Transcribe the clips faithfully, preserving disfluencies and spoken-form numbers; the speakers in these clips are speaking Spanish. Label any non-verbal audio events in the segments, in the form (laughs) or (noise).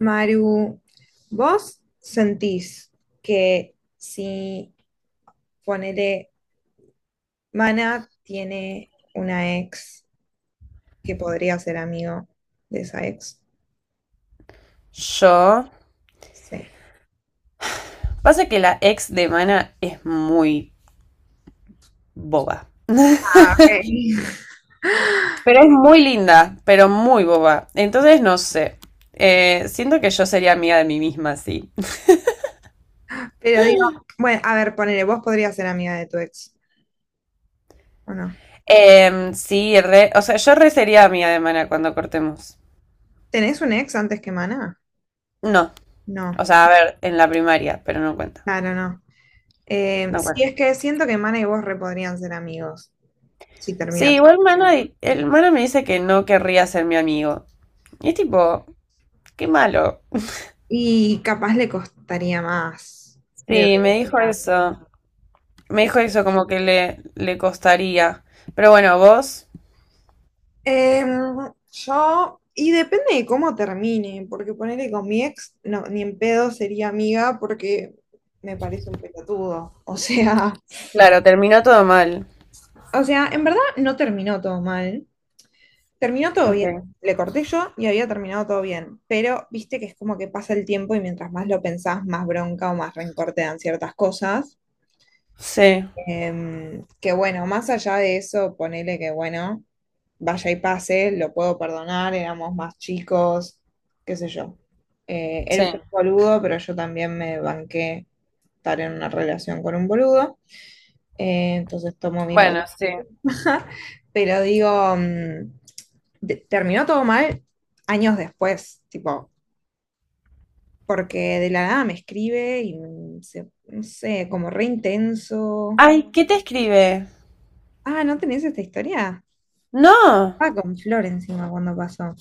Maru, ¿vos sentís que si ponele Mana tiene una ex que podría ser amigo de esa ex? Yo. Sí. Pasa que la ex de Mana es muy boba. Ah, ok. (laughs) Pero es muy linda, pero muy boba. Entonces, no sé. Eh, siento que yo sería amiga de mí misma, sí. Pero digo, bueno, a ver, ponele, vos podrías ser amiga de tu ex, ¿o no? Em, sí, re- o sea, yo re sería amiga de Mana cuando cortemos. ¿Tenés un ex antes que Mana? No. No, O sea, a ver, en la primaria, pero no cuenta. claro, no. Eh, No Sí, cuenta. es que siento que Mana y vos re podrían ser amigos si termina Sí, todo. igual Mana, el Mana me dice que no querría ser mi amigo. Y es tipo, qué malo. Y capaz le costaría más de lo Sí, me que dijo eso. Me tenía. dijo eso, como que le, le costaría. Pero bueno, vos, Em, yo, y depende de cómo termine, porque ponerle con mi ex, no, ni en pedo sería amiga porque me parece un pelotudo. O sea, claro, terminó todo mal. o sea, en verdad no terminó todo mal, terminó todo bien. Okay. Le corté yo y había terminado todo bien, pero viste que es como que pasa el tiempo y mientras más lo pensás, más bronca o más rencor te dan ciertas cosas. Sí, Em, que bueno, más allá de eso, ponele que bueno, vaya y pase, lo puedo perdonar, éramos más chicos, qué sé yo. Eh, sí. Él fue un boludo, pero yo también me banqué estar en una relación con un boludo, eh, entonces tomo mi parte. Bueno, sí. (laughs) Pero digo, mm, de- terminó todo mal años después, tipo, porque de la nada me escribe y mm, se- no sé, como re intenso. Ay, ¿qué te escribe? Ah, ¿no tenés esta historia? No. Ah, con Flor encima cuando pasó.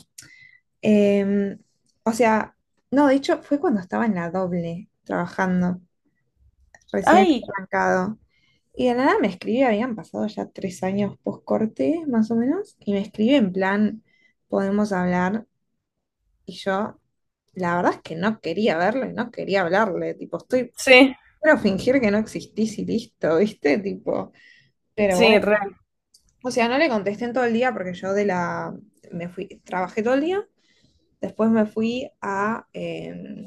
Em, o sea, no, de hecho fue cuando estaba en la doble trabajando, recién había Ay. arrancado. Y de la nada me escribí, habían pasado ya tres años post corte, más o menos, y me escribe en plan, podemos hablar. Y yo, la verdad es que no quería verlo y no quería hablarle, tipo, estoy, Sí, quiero fingir que no existís y listo, ¿viste? Tipo, pero bueno, sí, re, o sea, no le contesté en todo el día porque yo de la, me fui, trabajé todo el día. Después me fui a, eh,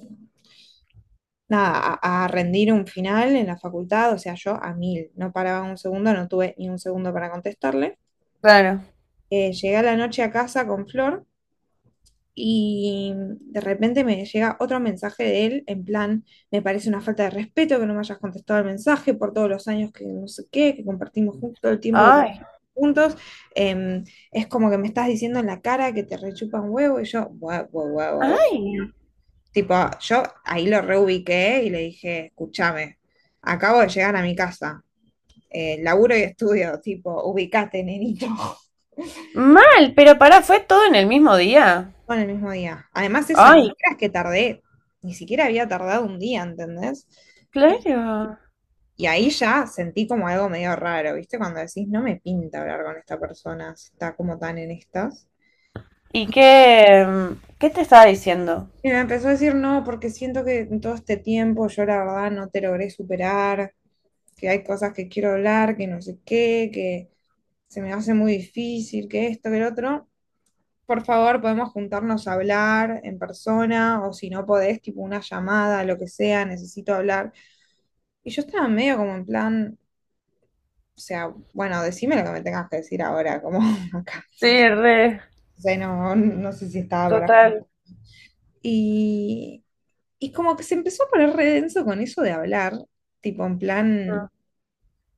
nada, a, a rendir un final en la facultad, o sea, yo a mil, no paraba un segundo, no tuve ni un segundo para contestarle. claro. Eh, llegué a la noche a casa con Flor y de repente me llega otro mensaje de él en plan, me parece una falta de respeto que no me hayas contestado el mensaje por todos los años que no sé qué, que compartimos juntos, todo el tiempo que Ay, juntos, em, es como que me estás diciendo en la cara que te rechupa un huevo y yo, guau, guau, guau, guau. ay. Tipo, yo ahí lo reubiqué y le dije, escúchame, acabo de llegar a mi casa, eh, laburo y estudio, tipo, ubicate, nenito. (laughs) Mal, pero pará, fue todo en el mismo día. Bueno, el mismo día. Además, eso, ni Ay, siquiera es que tardé, ni siquiera había tardado un día, ¿entendés? Y, claro. y ahí ya sentí como algo medio raro, ¿viste? Cuando decís, no me pinta hablar con esta persona, si está como tan en estas. ¿Y qué, mm, qué te estaba diciendo? Y me empezó a decir, no, porque siento que en todo este tiempo yo la verdad no te logré superar, que hay cosas que quiero hablar, que no sé qué, que se me hace muy difícil, que esto, que el otro. Por favor, podemos juntarnos a hablar en persona o si no podés, tipo una llamada, lo que sea, necesito hablar. Y yo estaba medio como en plan, o sea, bueno, decime lo que me tengas que decir ahora, como (laughs) acá. Sí, re, O sea, no, no sé si estaba para... total. Y, y como que se empezó a poner re denso con eso de hablar, tipo en plan,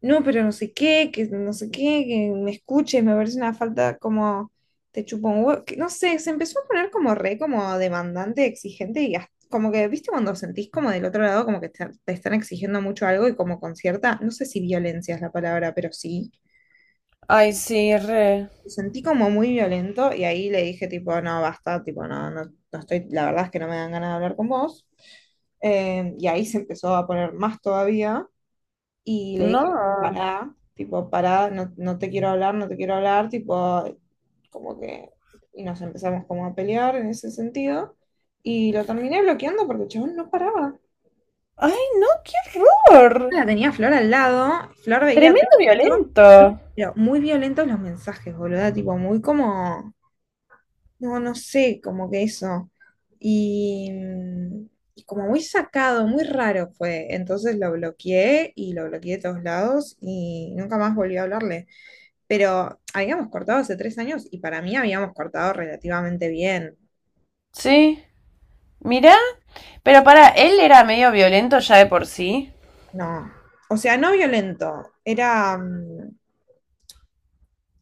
no, pero no sé qué, que no sé qué, que me escuches, me parece una falta como te chupo un huevo, que no sé, se empezó a poner como re, como demandante, exigente y hasta- como que, viste, cuando sentís como del otro lado, como que te, te están exigiendo mucho algo y como con cierta, no sé si violencia es la palabra, pero sí. Ay, sí, re. Lo sentí como muy violento y ahí le dije tipo, no, basta, tipo, no, no, no estoy, la verdad es que no me dan ganas de hablar con vos. Eh, y ahí se empezó a poner más todavía. Y le dije, No. pará, tipo, pará, no, no te quiero hablar, no te quiero hablar, tipo, como que, y nos empezamos como a pelear en ese sentido, y lo terminé bloqueando porque el chabón no paraba. Ay, no, qué horror. La tenía Flor al lado, Flor veía todo Tremendo esto, violento. pero muy violentos los mensajes, boluda, tipo, muy como, no, no sé, como que eso, y, y como muy sacado, muy raro fue, entonces lo bloqueé, y lo bloqueé de todos lados, y nunca más volví a hablarle. Pero habíamos cortado hace tres años y para mí habíamos cortado relativamente bien. Sí. Mirá. Pero para, él era medio violento ya de por sí. No. O sea, no violento. Era, mm,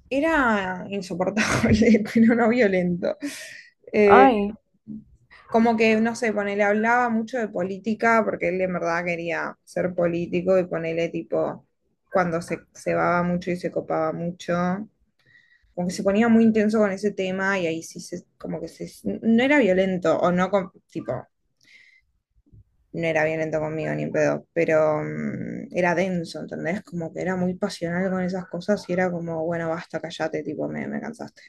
era insoportable, (laughs) pero no violento. Eh, Ay. Como que, no sé, ponele, hablaba mucho de política porque él en verdad quería ser político y ponele tipo, cuando se cebaba mucho y se copaba mucho, como que se ponía muy intenso con ese tema y ahí sí se, como que se, no era violento o no, con- tipo, no era violento conmigo ni en pedo, pero mm, era denso, ¿entendés? Como que era muy pasional con esas cosas y era como, bueno, basta, callate, tipo, me, me cansaste.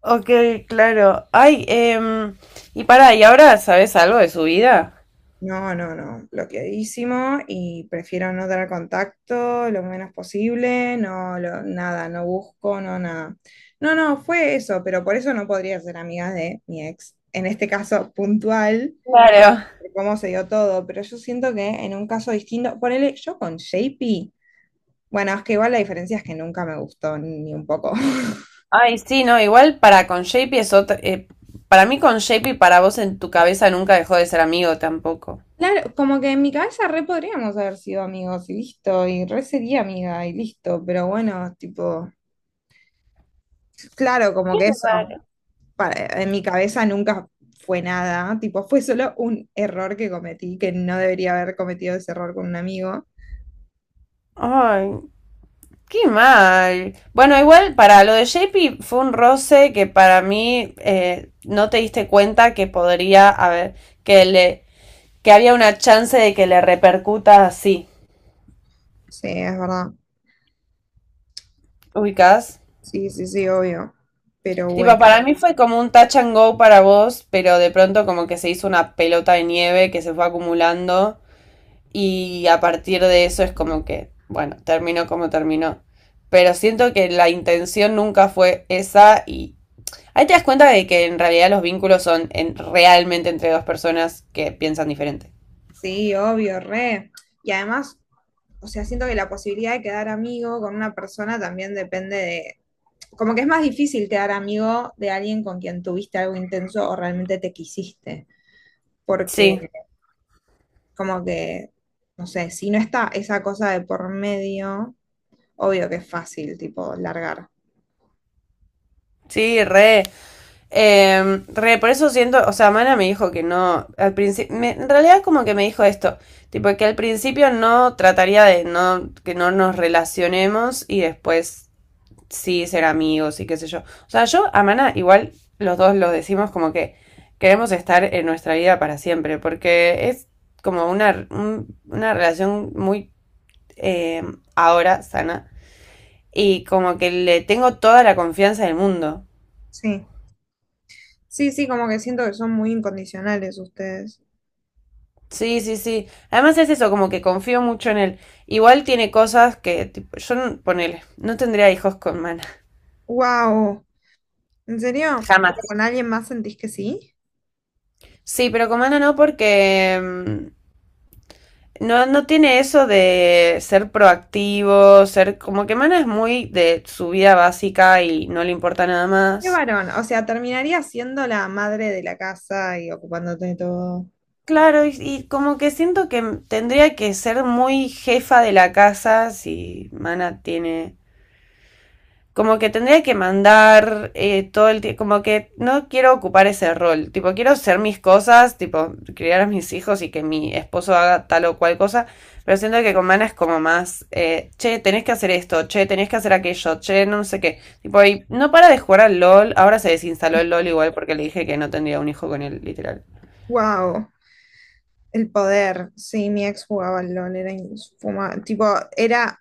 Ok, claro. Ay, em, y para, ¿y ahora sabes algo de su vida? No, no, no, bloqueadísimo y prefiero no tener contacto lo menos posible, no, lo- nada, no busco, no, nada. No, no, fue eso, pero por eso no podría ser amiga de mi ex. En este caso puntual, Claro. de cómo se dio todo, pero yo siento que en un caso distinto, ponele, yo con J P. Bueno, es que igual la diferencia es que nunca me gustó ni un poco. (laughs) Ay, sí, no, igual para con J P es otra... eh, para mí con J P, para vos en tu cabeza nunca dejó de ser amigo tampoco. Claro, como que en mi cabeza re podríamos haber sido amigos y listo, y re sería amiga y listo, pero bueno, tipo, claro, como Qué que eso, raro. para- en mi cabeza nunca fue nada, tipo, fue solo un error que cometí, que no debería haber cometido ese error con un amigo. Ay, qué mal. Bueno, igual para lo de J P fue un roce que para mí eh, no te diste cuenta que podría haber, que le, que había una chance de que le repercuta así. Sí, es verdad. ¿Ubicás? Sí, sí, sí, obvio. Pero Tipo, bueno, para mí fue como un touch and go para vos, pero de pronto como que se hizo una pelota de nieve que se fue acumulando y a partir de eso es como que, bueno, terminó como terminó. Pero siento que la intención nunca fue esa y ahí te das cuenta de que en realidad los vínculos son en- realmente entre dos personas que piensan diferente. sí, obvio, re. Y además, o sea, siento que la posibilidad de quedar amigo con una persona también depende de, como que es más difícil quedar amigo de alguien con quien tuviste algo intenso o realmente te quisiste, porque Sí, como que, no sé, si no está esa cosa de por medio, obvio que es fácil, tipo, largar. sí, re. Eh, re, por eso siento, o sea, Mana me dijo que no, al principio, en realidad como que me dijo esto, tipo que al principio no trataría de no, que no nos relacionemos y después sí ser amigos y qué sé yo. O sea, yo a Mana igual los dos lo decimos como que queremos estar en nuestra vida para siempre, porque es como una, un- una relación muy eh, ahora sana. Y como que le tengo toda la confianza del mundo. Sí, sí, sí, como que siento que son muy incondicionales ustedes. Sí, sí, sí. Además es eso, como que confío mucho en él. Igual tiene cosas que, tipo, yo, no- ponele, no tendría hijos con Mana. ¡Wow! ¿En serio? ¿Pero Jamás. ¿con alguien más sentís que sí? Sí, pero con Mana no porque mm, no, no tiene eso de ser proactivo, ser como que Mana es muy de su vida básica y no le importa nada Qué más. varón, o sea, terminaría siendo la madre de la casa y ocupándote de todo. Claro, y, y como que siento que m- tendría que ser muy jefa de la casa si Mana tiene, como que tendría que mandar eh, todo el tiempo, como que no quiero ocupar ese rol, tipo quiero hacer mis cosas, tipo criar a mis hijos y que mi esposo haga tal o cual cosa, pero siento que con Mana es como más, eh, che, tenés que hacer esto, che, tenés que hacer aquello, che, no no sé qué, tipo, y no para de jugar al LOL, ahora se desinstaló el LOL igual porque le dije que no tendría un hijo con él, literal. Wow, el poder. Sí, mi ex jugaba al LOL, era infumable. Tipo, era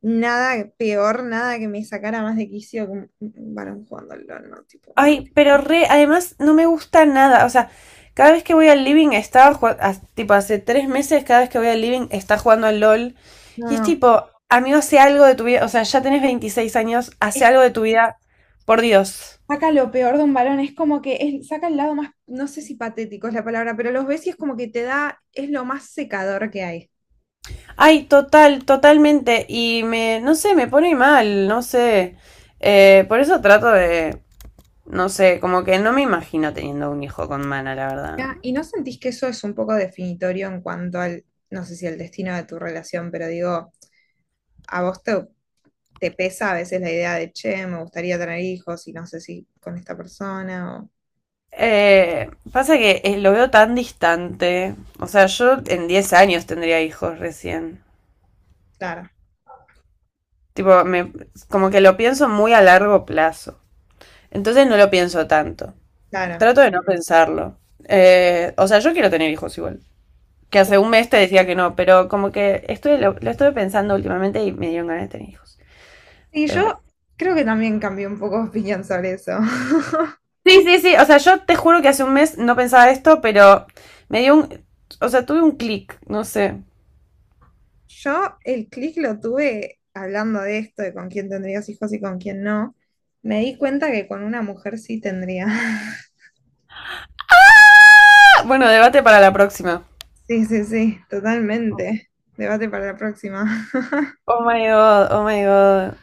nada peor, nada que me sacara más de quicio que un un varón jugando al LOL, ¿no? Tipo, Ay, pero re, además no me gusta nada. O sea, cada vez que voy al living estaba jugando, tipo hace tres meses, cada vez que voy al living está jugando al LOL. no, Y es no. tipo, amigo, hace algo de tu vida. O sea, ya tenés veintiséis años, hace algo Es- de tu vida. Por Dios. Saca lo peor de un varón, es como que es- saca el lado más, no sé si patético es la palabra, pero los ves y es como que te da, es lo más secador que hay. Ay, total, totalmente. Y me, no sé, me pone mal, no sé. Eh, por eso trato de, no sé, como que no me imagino teniendo un hijo con mana, la verdad. ¿Ya? ¿Y no sentís que eso es un poco definitorio en cuanto al, no sé si al destino de tu relación, pero digo. A vos te, te pesa a veces la idea de, che, me gustaría tener hijos y no sé si con esta persona o... Eh, pasa que eh, lo veo tan distante. O sea, yo en diez años tendría hijos recién. Claro, Tipo, me, como que lo pienso muy a largo plazo. Entonces no lo pienso tanto. claro. Trato de no pensarlo. Eh, o sea, yo quiero tener hijos igual. Que hace un mes te decía que no, pero como que estoy, lo, lo estuve pensando últimamente y me dieron ganas de tener hijos. Y Pero bueno. yo creo que también cambié un poco de opinión sobre eso. (laughs) Sí, sí, sí. O sea, yo te juro que hace un mes no pensaba esto, pero me dio un... O sea, tuve un clic, no sé. Yo el clic lo tuve hablando de esto, de con quién tendrías hijos y con quién no. Me di cuenta que con una mujer sí tendría. (laughs) Ah, bueno, debate para la próxima. Sí, sí, sí, totalmente. Debate para la próxima. (laughs) Oh my god, oh my god.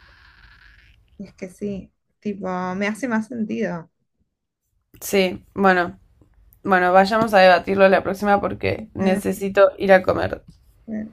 Es que sí, tipo, me hace más sentido. Sí, bueno, bueno, vayamos a debatirlo la próxima porque Me- necesito ir a comer. me-